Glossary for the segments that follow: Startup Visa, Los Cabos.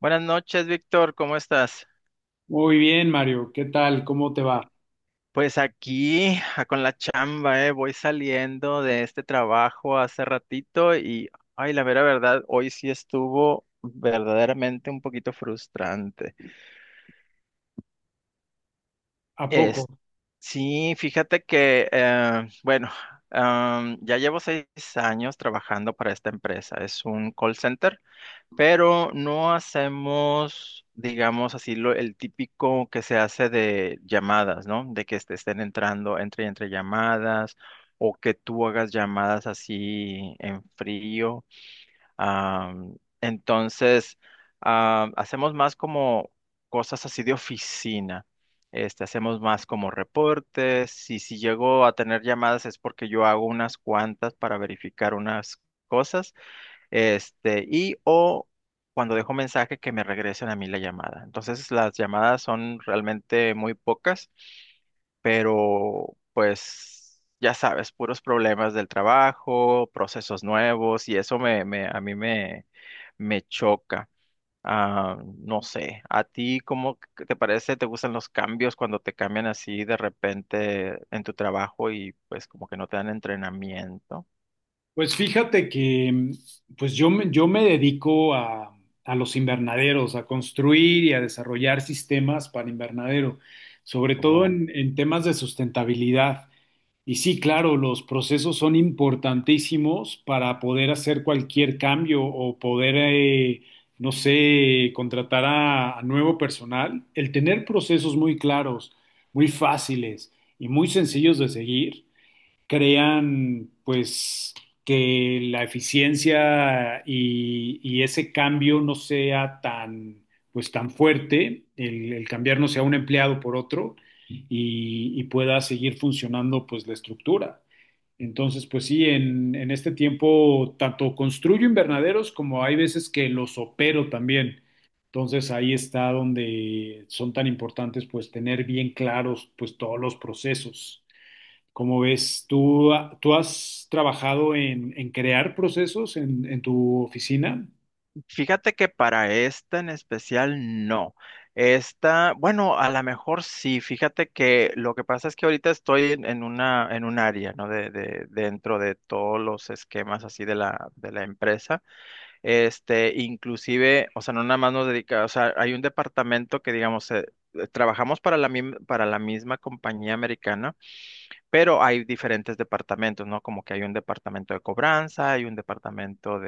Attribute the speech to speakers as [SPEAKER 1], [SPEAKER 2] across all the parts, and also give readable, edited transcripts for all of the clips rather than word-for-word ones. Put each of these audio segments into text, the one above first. [SPEAKER 1] Buenas noches, Víctor, ¿cómo estás?
[SPEAKER 2] Muy bien, Mario, ¿qué tal? ¿Cómo te va?
[SPEAKER 1] Pues aquí con la chamba, voy saliendo de este trabajo hace ratito y, ay, la vera verdad, hoy sí estuvo verdaderamente un poquito frustrante.
[SPEAKER 2] ¿A poco?
[SPEAKER 1] Es, sí, fíjate que, bueno, ya llevo seis años trabajando para esta empresa, es un call center. Pero no hacemos, digamos así, el típico que se hace de llamadas, ¿no? De que te estén entrando entre y entre llamadas o que tú hagas llamadas así en frío. Am, entonces, Hacemos más como cosas así de oficina. Este, hacemos más como reportes y si llego a tener llamadas es porque yo hago unas cuantas para verificar unas cosas este, o cuando dejo mensaje que me regresen a mí la llamada. Entonces las llamadas son realmente muy pocas, pero pues ya sabes, puros problemas del trabajo, procesos nuevos y eso me choca. No sé, ¿a ti cómo que te parece? ¿Te gustan los cambios cuando te cambian así de repente en tu trabajo y pues como que no te dan entrenamiento?
[SPEAKER 2] Pues fíjate que pues yo, yo me dedico a los invernaderos, a construir y a desarrollar sistemas para invernadero, sobre todo en temas de sustentabilidad. Y sí, claro, los procesos son importantísimos para poder hacer cualquier cambio o poder, no sé, contratar a nuevo personal. El tener procesos muy claros, muy fáciles y muy sencillos de seguir crean pues que la eficiencia y ese cambio no sea tan pues tan fuerte, el cambiar no sea un empleado por otro y pueda seguir funcionando pues la estructura. Entonces, pues sí, en este tiempo tanto construyo invernaderos como hay veces que los opero también. Entonces ahí está donde son tan importantes pues tener bien claros pues todos los procesos. ¿Cómo ves? ¿Tú, tú has trabajado en crear procesos en tu oficina?
[SPEAKER 1] Fíjate que para esta en especial no. Esta, bueno, a lo mejor sí. Fíjate que lo que pasa es que ahorita estoy en una, en un área, ¿no? Dentro de todos los esquemas así de de la empresa. Este, inclusive, o sea, no nada más nos dedica, o sea, hay un departamento que, digamos, trabajamos para para la misma compañía americana, pero hay diferentes departamentos, ¿no? Como que hay un departamento de cobranza, hay un departamento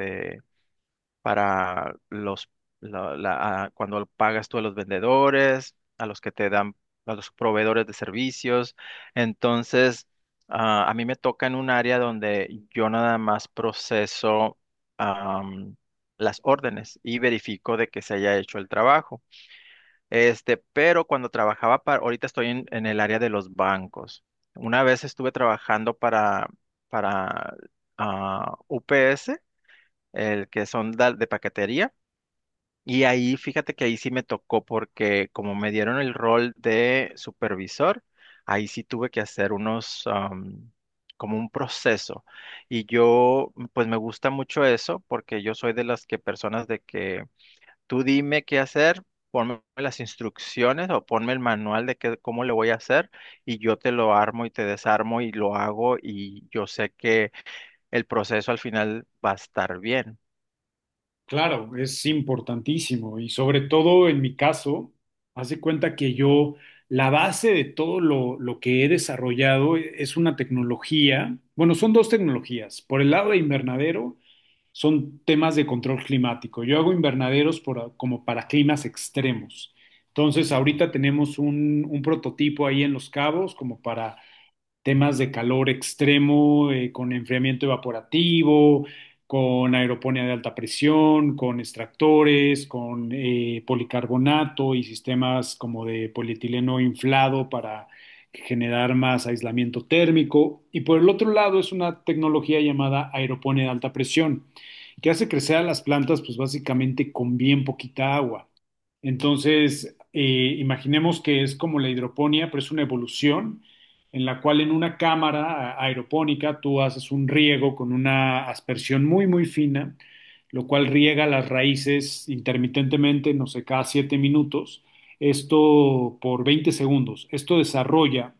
[SPEAKER 1] para los cuando pagas tú a los vendedores, a los que te dan, a los proveedores de servicios. Entonces, a mí me toca en un área donde yo nada más proceso am, las órdenes y verifico de que se haya hecho el trabajo. Este, pero cuando trabajaba para, ahorita estoy en el área de los bancos. Una vez estuve trabajando para UPS, el que son de paquetería. Y ahí, fíjate que ahí sí me tocó porque como me dieron el rol de supervisor, ahí sí tuve que hacer unos, como un proceso. Y yo, pues me gusta mucho eso porque yo soy de las que personas de que tú dime qué hacer, ponme las instrucciones o ponme el manual de cómo le voy a hacer y yo te lo armo y te desarmo y lo hago y yo sé que el proceso al final va a estar bien.
[SPEAKER 2] Claro, es importantísimo y sobre todo en mi caso, haz de cuenta que yo, la base de todo lo que he desarrollado es una tecnología, bueno, son dos tecnologías. Por el lado de invernadero, son temas de control climático. Yo hago invernaderos como para climas extremos. Entonces,
[SPEAKER 1] Ujú.
[SPEAKER 2] ahorita tenemos un prototipo ahí en Los Cabos como para temas de calor extremo, con enfriamiento evaporativo, con aeroponía de alta presión, con extractores, con policarbonato y sistemas como de polietileno inflado para generar más aislamiento térmico. Y por el otro lado es una tecnología llamada aeroponía de alta presión, que hace crecer a las plantas pues básicamente con bien poquita agua. Entonces, imaginemos que es como la hidroponía, pero es una evolución en la cual en una cámara aeropónica tú haces un riego con una aspersión muy, muy fina, lo cual riega las raíces intermitentemente, no sé, cada 7 minutos, esto por 20 segundos. Esto desarrolla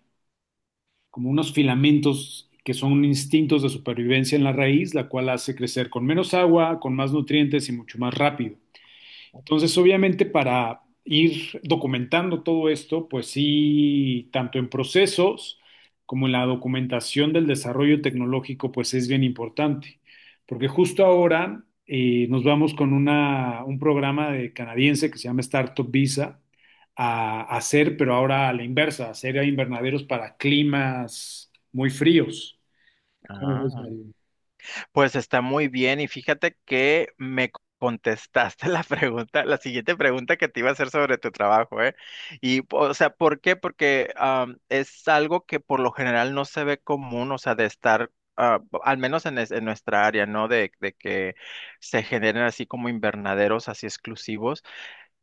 [SPEAKER 2] como unos filamentos que son instintos de supervivencia en la raíz, la cual hace crecer con menos agua, con más nutrientes y mucho más rápido. Entonces, obviamente, para ir documentando todo esto, pues sí, tanto en procesos como en la documentación del desarrollo tecnológico, pues es bien importante, porque justo ahora nos vamos con un programa de canadiense que se llama Startup Visa a hacer, pero ahora a la inversa, a hacer invernaderos para climas muy fríos. ¿Cómo ves,
[SPEAKER 1] Ah.
[SPEAKER 2] Mario?
[SPEAKER 1] Pues está muy bien y fíjate que me contestaste la pregunta, la siguiente pregunta que te iba a hacer sobre tu trabajo, ¿eh? Y, o sea, ¿por qué? Porque es algo que por lo general no se ve común, o sea, de estar, al menos en, en nuestra área, ¿no? De que se generen así como invernaderos así exclusivos.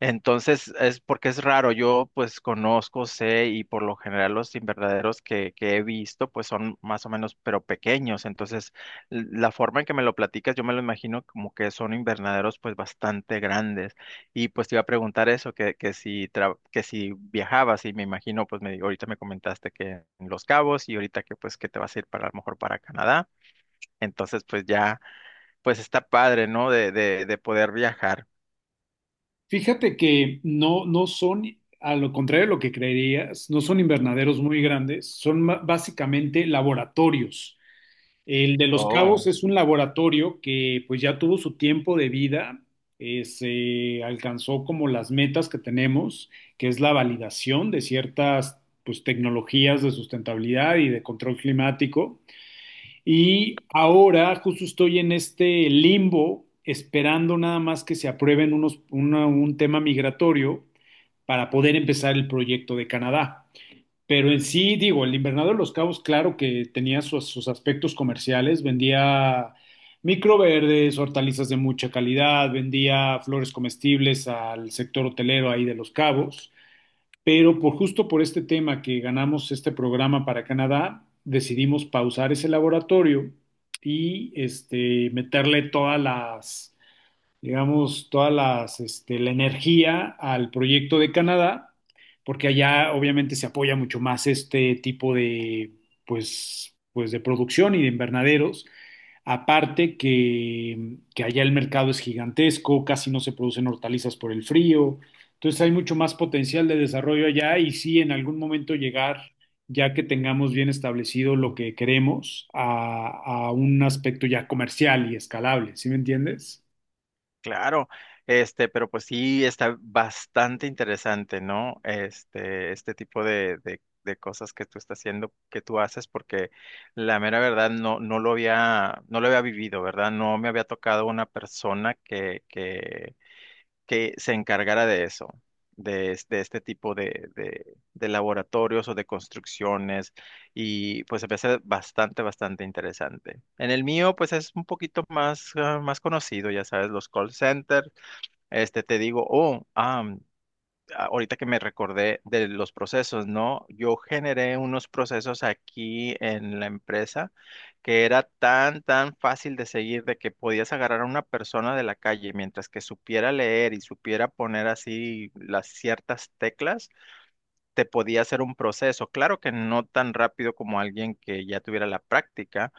[SPEAKER 1] Entonces, es porque es raro, yo pues conozco, sé y por lo general los invernaderos que he visto pues son más o menos pero pequeños, entonces la forma en que me lo platicas yo me lo imagino como que son invernaderos pues bastante grandes y pues te iba a preguntar eso, que si, que si viajabas y me imagino pues me, ahorita me comentaste que en Los Cabos y ahorita que pues que te vas a ir para a lo mejor para Canadá, entonces pues ya pues está padre, ¿no? De poder viajar.
[SPEAKER 2] Fíjate que no, no son, a lo contrario de lo que creerías, no son invernaderos muy grandes, son básicamente laboratorios. El de Los Cabos
[SPEAKER 1] Oh.
[SPEAKER 2] es un laboratorio que pues ya tuvo su tiempo de vida, se alcanzó como las metas que tenemos, que es la validación de ciertas pues tecnologías de sustentabilidad y de control climático. Y ahora justo estoy en este limbo esperando nada más que se aprueben unos, un tema migratorio para poder empezar el proyecto de Canadá. Pero en sí, digo, el Invernadero de los Cabos, claro que tenía sus, sus aspectos comerciales, vendía microverdes, hortalizas de mucha calidad, vendía flores comestibles al sector hotelero ahí de los Cabos, pero por justo por este tema que ganamos este programa para Canadá, decidimos pausar ese laboratorio y este, meterle todas las digamos, toda las, este, la energía al proyecto de Canadá, porque allá obviamente se apoya mucho más este tipo de, pues, pues de producción y de invernaderos. Aparte que allá el mercado es gigantesco, casi no se producen hortalizas por el frío, entonces hay mucho más potencial de desarrollo allá y sí, en algún momento llegar, ya que tengamos bien establecido lo que queremos, a un aspecto ya comercial y escalable, ¿sí me entiendes?
[SPEAKER 1] Claro, este, pero pues sí está bastante interesante, ¿no? Este tipo de cosas que tú estás haciendo, que tú haces, porque la mera verdad no lo había, no lo había vivido, ¿verdad? No me había tocado una persona que que se encargara de eso, de, de este tipo de, de laboratorios o de construcciones y pues se me hace bastante, bastante interesante. En el mío pues es un poquito más, más conocido, ya sabes, los call centers, este te digo, ahorita que me recordé de los procesos, ¿no? Yo generé unos procesos aquí en la empresa que era tan, tan fácil de seguir de que podías agarrar a una persona de la calle mientras que supiera leer y supiera poner así las ciertas teclas, te podía hacer un proceso. Claro que no tan rápido como alguien que ya tuviera la práctica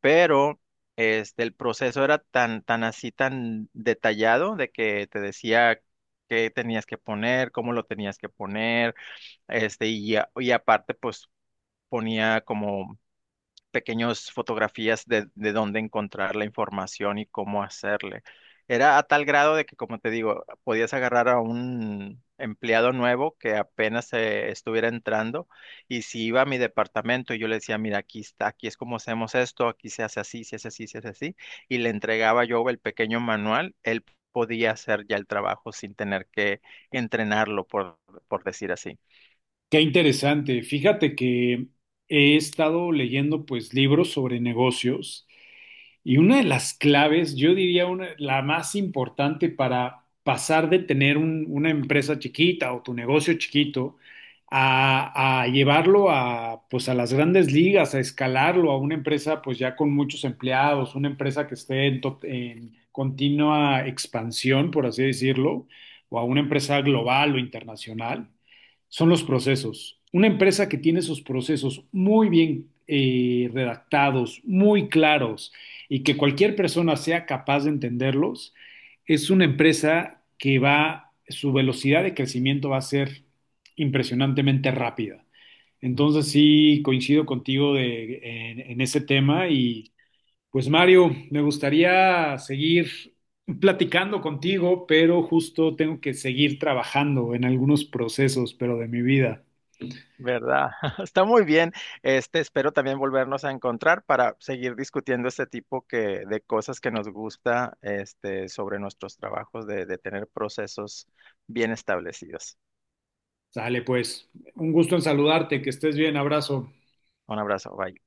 [SPEAKER 1] pero este, el proceso era tan, tan así, tan detallado de que te decía qué tenías que poner, cómo lo tenías que poner, este, y aparte pues ponía como pequeños fotografías de dónde encontrar la información y cómo hacerle. Era a tal grado de que, como te digo, podías agarrar a un empleado nuevo que apenas estuviera entrando y si iba a mi departamento y yo le decía, mira, aquí está, aquí es como hacemos esto, aquí se hace así, se hace así, se hace así, y le entregaba yo el pequeño manual, él podía hacer ya el trabajo sin tener que entrenarlo, por decir así.
[SPEAKER 2] Qué interesante. Fíjate que he estado leyendo pues libros sobre negocios y una de las claves, yo diría una, la más importante para pasar de tener una empresa chiquita o tu negocio chiquito a llevarlo a, pues a las grandes ligas, a escalarlo a una empresa pues ya con muchos empleados, una empresa que esté en, en continua expansión, por así decirlo, o a una empresa global o internacional son los procesos. Una empresa que tiene sus procesos muy bien redactados, muy claros, y que cualquier persona sea capaz de entenderlos, es una empresa que va, su velocidad de crecimiento va a ser impresionantemente rápida. Entonces sí, coincido contigo en ese tema y pues Mario, me gustaría seguir platicando contigo, pero justo tengo que seguir trabajando en algunos procesos, pero de mi vida.
[SPEAKER 1] ¿Verdad? Está muy bien. Este, espero también volvernos a encontrar para seguir discutiendo este tipo que, de cosas que nos gusta, este, sobre nuestros trabajos, de tener procesos bien establecidos.
[SPEAKER 2] Sale pues, un gusto en saludarte, que estés bien, abrazo.
[SPEAKER 1] Un abrazo, bye.